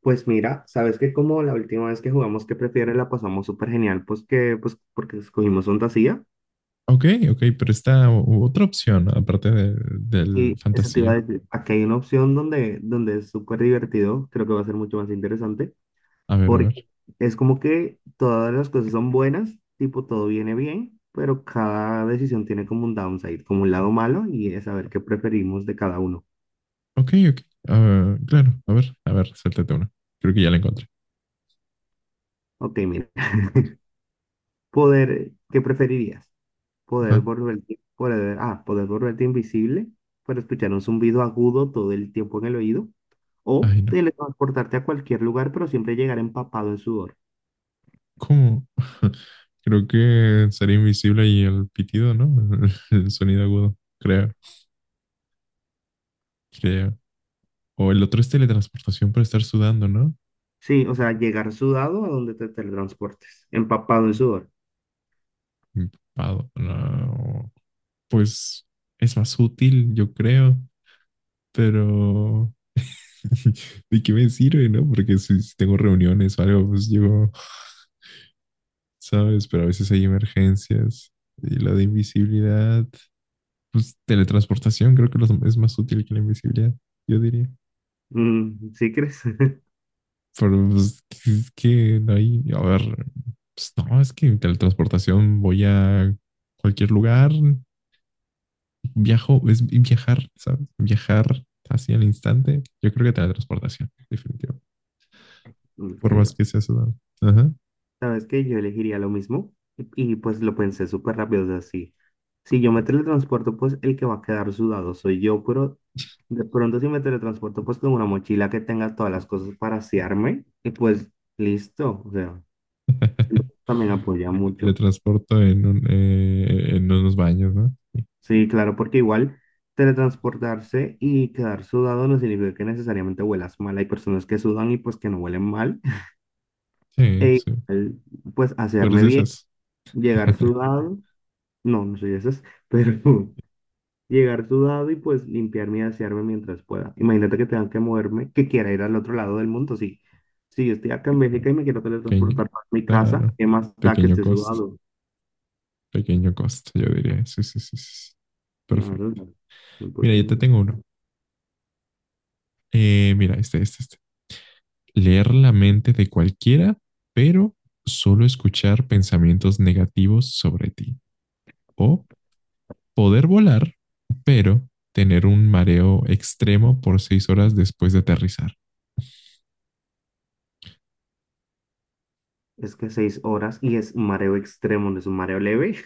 Pues mira, sabes que como la última vez que jugamos que prefieres la pasamos súper genial, pues porque escogimos fantasía Ok, ok, pero está otra opción aparte del y eso te iba a fantasía. decir, aquí hay una opción donde es súper divertido, creo que va a ser mucho más interesante, A ver, a porque ver. es como que todas las cosas son buenas, tipo todo viene bien, pero cada decisión tiene como un downside, como un lado malo y es saber qué preferimos de cada uno. Ok, ok. Ah, claro, a ver, suéltate una. Creo que ya la encontré. Ok, mira, ¿qué preferirías? Ajá. Poder volverte invisible para escuchar un zumbido agudo todo el tiempo en el oído. O Ay, no. teletransportarte a cualquier lugar, pero siempre llegar empapado en sudor. ¿Cómo? Creo que sería invisible y el pitido, ¿no? El sonido agudo. Creo, creo. O el otro es teletransportación por estar sudando, ¿no? Sí, o sea, llegar sudado a donde te teletransportes. Empapado en sudor. Empapado. No. Pues es más útil, yo creo. Pero ¿de qué me sirve, no? Porque si tengo reuniones o algo, pues llego, ¿sabes? Pero a veces hay emergencias. Y la de invisibilidad, pues teletransportación creo que es más útil que la invisibilidad, yo diría. Mm, ¿sí crees? Pero pues, es que no hay, a ver, pues no, es que en teletransportación voy a cualquier lugar, viajo, es viajar, ¿sabes? Viajar así al instante. Yo creo que teletransportación, definitivo. Ok, Por más que sea sudado. Ajá. sabes que yo elegiría lo mismo y pues lo pensé súper rápido, o sea, sí. Si yo me teletransporto, pues el que va a quedar sudado soy yo, pero de pronto si me teletransporto, pues con una mochila que tenga todas las cosas para asearme, y pues listo, o sea, siento que también apoya Me mucho. teletransporto en unos baños, ¿no? Sí, claro, porque igual teletransportarse y quedar sudado no significa que necesariamente huelas mal. Hay personas que sudan y pues que no huelen mal. Sí, E sí. igual, pues Tú eres asearme de bien, esas. llegar sudado, no soy esas, pero... llegar sudado y pues limpiarme y asearme mientras pueda. Imagínate que tenga que moverme, que quiera ir al otro lado del mundo. Sí, si yo estoy acá en Bélgica y me quiero Pequeño, teletransportar a mi casa, claro. ¿qué más da que Pequeño esté costo, sudado? pequeño costo, yo diría. Sí, sí, sí, sí, sí. Claro, Perfecto. Mira, yo te 100%. tengo uno. Mira, este. Leer la mente de cualquiera, pero solo escuchar pensamientos negativos sobre ti. O poder volar, pero tener un mareo extremo por 6 horas después de aterrizar. Es que 6 horas y es mareo extremo, no es un mareo leve.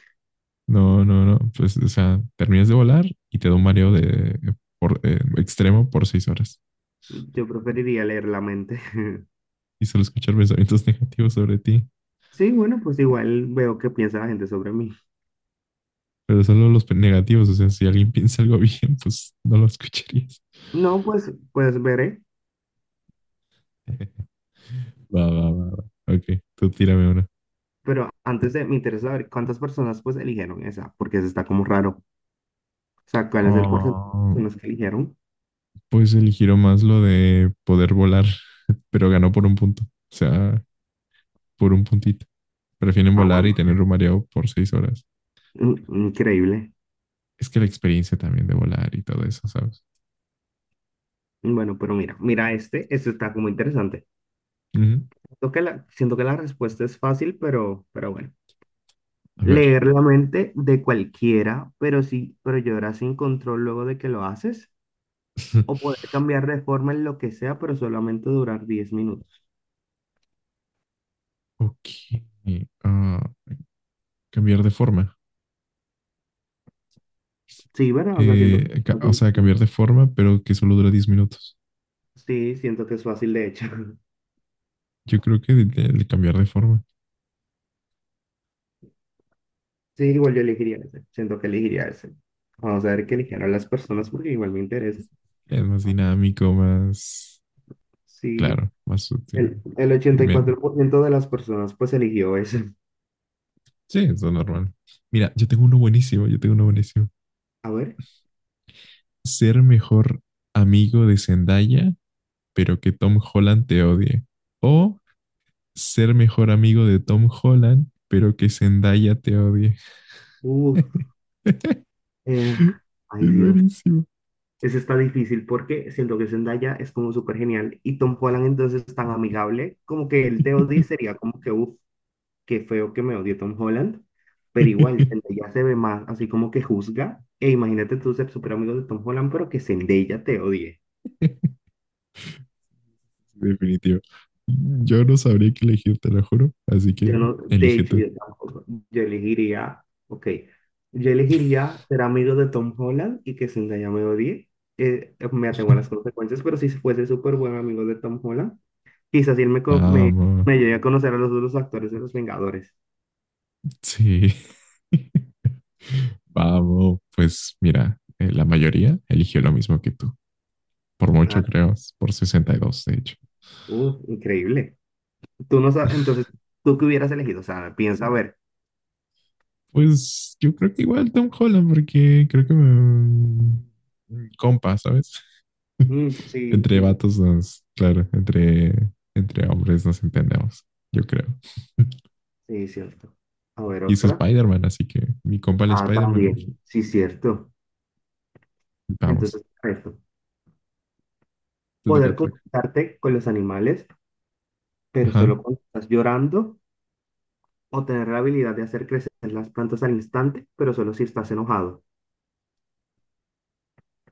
No, no, no. Pues, o sea, terminas de volar y te da un mareo extremo por 6 horas. Yo preferiría leer la mente. Y solo escuchar pensamientos negativos sobre ti. Sí, bueno, pues igual veo qué piensa la gente sobre mí. Pero solo los negativos. O sea, si alguien piensa algo bien, pues no lo escucharías. No, pues veré. Va, va, va, va. Ok, tú tírame una. Me interesa saber cuántas personas pues eligieron esa, porque eso está como raro. O sea, ¿cuál es el porcentaje de Ah, personas que eligieron? pues eligió más lo de poder volar, pero ganó por un punto. O sea, por un puntito. Prefieren Ah, volar y bueno, tener un mareo por 6 horas. Increíble. Es que la experiencia también de volar y todo eso, ¿sabes? Bueno, pero mira este, este está como interesante. Ujú. Siento que la respuesta es fácil, pero bueno. A ver. Leer la mente de cualquiera, pero llorar sin control luego de que lo haces. O poder cambiar de forma en lo que sea, pero solamente durar 10 minutos. Ok. Ah, cambiar de forma. Sí, ¿verdad? O sea, siento que es O sea, fácil. cambiar de forma, pero que solo dura 10 minutos. Sí, siento que es fácil, de hecho. Yo creo que el cambiar de forma Sí, igual yo elegiría ese. Siento que elegiría ese. Vamos a ver qué eligieron las personas porque igual me interesa. es más dinámico, más Sí, claro, más sutil. el Y ochenta y cuatro por ciento de las personas pues eligió ese. sí, eso es normal. Mira, yo tengo uno buenísimo, yo tengo uno buenísimo. A ver, Ser mejor amigo de Zendaya, pero que Tom Holland te odie. O ser mejor amigo de Tom Holland, pero que Zendaya te odie. uf, eh, ay Es Dios, buenísimo. ese está difícil porque siento que Zendaya es como súper genial y Tom Holland entonces es tan amigable, como que el te odie sería como que, uff, qué feo que me odie Tom Holland, pero igual Zendaya se ve más así como que juzga, e imagínate tú ser súper amigo de Tom Holland, pero que Zendaya te odie. Definitivo. Yo no sabría qué elegir, te lo juro. Así Yo que no, de elige hecho, tú. yo tampoco. Yo elegiría, ok, yo elegiría ser amigo de Tom Holland y que Zendaya me odie. Me atengo a las consecuencias, pero si fuese súper buen amigo de Tom Holland, quizás él me, co- me, Vamos. me llegue a conocer a los otros actores de Los Vengadores. Sí. Vamos. Pues mira, la mayoría eligió lo mismo que tú. Por Ah, mucho, creo. Por 62, de hecho. Increíble. Tú no sabes, entonces, ¿tú qué hubieras elegido? O sea, piensa a ver. Pues yo creo que igual Tom Holland, porque creo que me... compa, ¿sabes? Mm, sí, Entre sí, sí. vatos nos... Claro, entre hombres nos entendemos, yo creo. Sí, cierto. A ver, Y es otra. Spider-Man, así que mi compa el Ah, Spider-Man, también. imagínate. Sí, cierto. Vamos. Entonces, perfecto. Tutaca, Poder tutaca. comunicarte con los animales pero Ajá. solo cuando estás llorando o tener la habilidad de hacer crecer las plantas al instante, pero solo si estás enojado.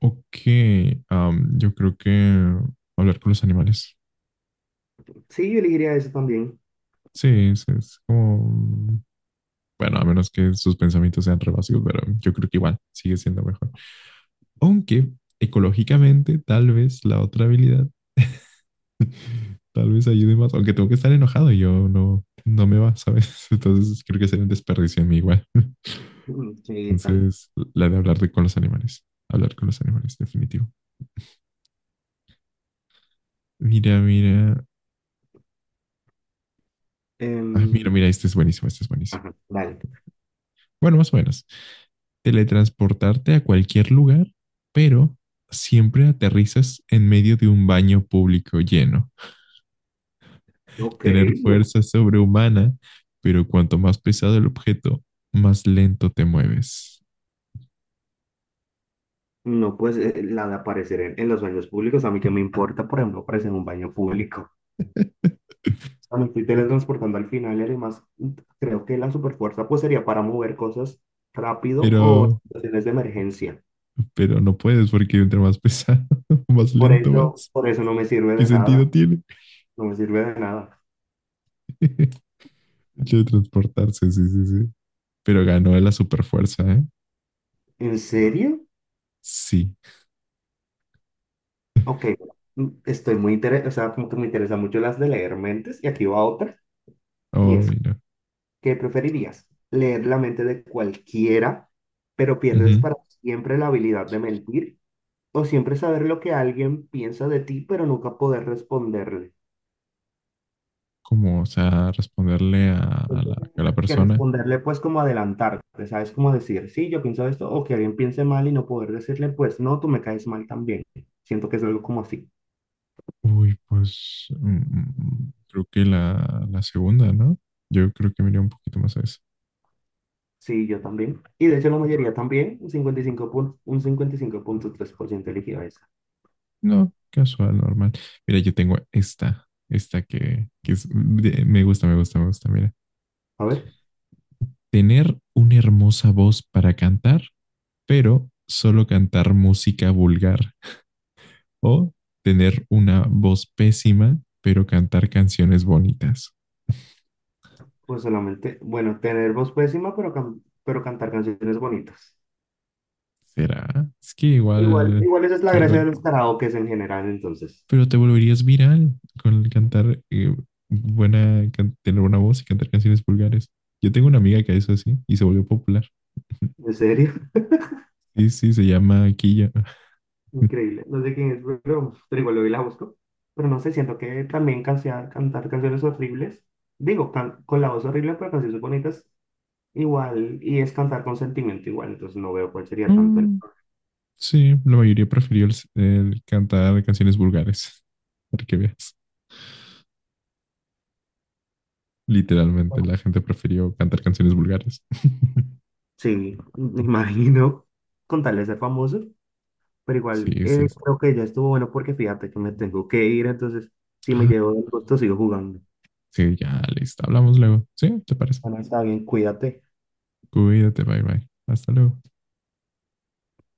Ok. Yo creo que hablar con los animales. Sí, yo elegiría eso también. Sí, es como. Bueno, a menos que sus pensamientos sean re básicos, pero yo creo que igual sigue siendo mejor. Aunque ecológicamente, tal vez la otra habilidad, tal vez ayude más. Aunque tengo que estar enojado y yo no, no me va, ¿sabes? Entonces creo que sería un desperdicio en mí igual. Mm, sí, tal. Entonces, la de hablar con los animales. Hablar con los animales, definitivo. Mira, mira. Ah, mira, Em, mira, este es buenísimo, este es buenísimo. ajá, vale. Bueno, más o menos. Teletransportarte a cualquier lugar, pero siempre aterrizas en medio de un baño público lleno. Ok, Tener no, fuerza sobrehumana, pero cuanto más pesado el objeto, más lento te mueves. La de aparecer en los baños públicos, a mí que me importa, por ejemplo, aparecer en un baño público. O sea, me estoy teletransportando al final y además creo que la superfuerza pues sería para mover cosas rápido o en Pero, situaciones de emergencia. pero no puedes porque entre más pesado, más lento vas. Por eso no me sirve ¿Qué de sentido nada, tiene? no me sirve de nada. Hecho de transportarse, sí, sí, sí. Pero ganó la superfuerza, ¿eh? ¿En serio? Sí. Ok, estoy muy interesado, o sea, como que me interesan mucho las de leer mentes, y aquí va otra, Ay, y oh, es, no. ¿qué preferirías? ¿Leer la mente de cualquiera, pero Uh pierdes -huh. para siempre la habilidad de mentir? ¿O siempre saber lo que alguien piensa de ti, pero nunca poder responderle? Como, o sea, responderle a Siento la, Que a la que persona. responderle, pues, como adelantarte, ¿sabes? Como decir, sí, yo pienso esto, o que alguien piense mal y no poder decirle, pues, no, tú me caes mal también. Siento que es algo como así. Uy, pues creo que la segunda, ¿no? Yo creo que me iría un poquito más a eso. Sí, yo también. Y de hecho la mayoría también, un 55,3% eligió esa. No, casual, normal. Mira, yo tengo esta, esta que es, me gusta, me gusta, me gusta. Mira, A ver, tener una hermosa voz para cantar, pero solo cantar música vulgar. O tener una voz pésima, pero cantar canciones bonitas. pues solamente, bueno, tener voz pésima, pero cantar canciones bonitas. ¿Será? Es que Igual, igual igual esa es la caigo. gracia de los karaokes en general, entonces. Pero te volverías viral con el cantar, buena, tener buena voz y cantar canciones vulgares. Yo tengo una amiga que hizo así y se volvió popular. En serio, Sí, sí, se llama Killa. increíble. No sé quién es, pero igual hoy la busco. Pero no sé, siento que también cantar canciones horribles, digo, con la voz horrible, pero canciones bonitas, igual, y es cantar con sentimiento igual, entonces no veo cuál sería tanto el... Mm, sí, la mayoría prefirió el cantar canciones vulgares. Para que veas. Literalmente, la gente prefirió cantar canciones vulgares. Sí, me imagino, con tal de ser famoso, pero igual Sí, sí, sí. creo que ya estuvo bueno porque fíjate que me tengo que ir, entonces si me Ah, llevo el gusto sigo jugando. sí, ya, listo. Hablamos luego. ¿Sí? ¿Te parece? Bueno, está bien, cuídate. Cuídate, bye bye. Hasta luego.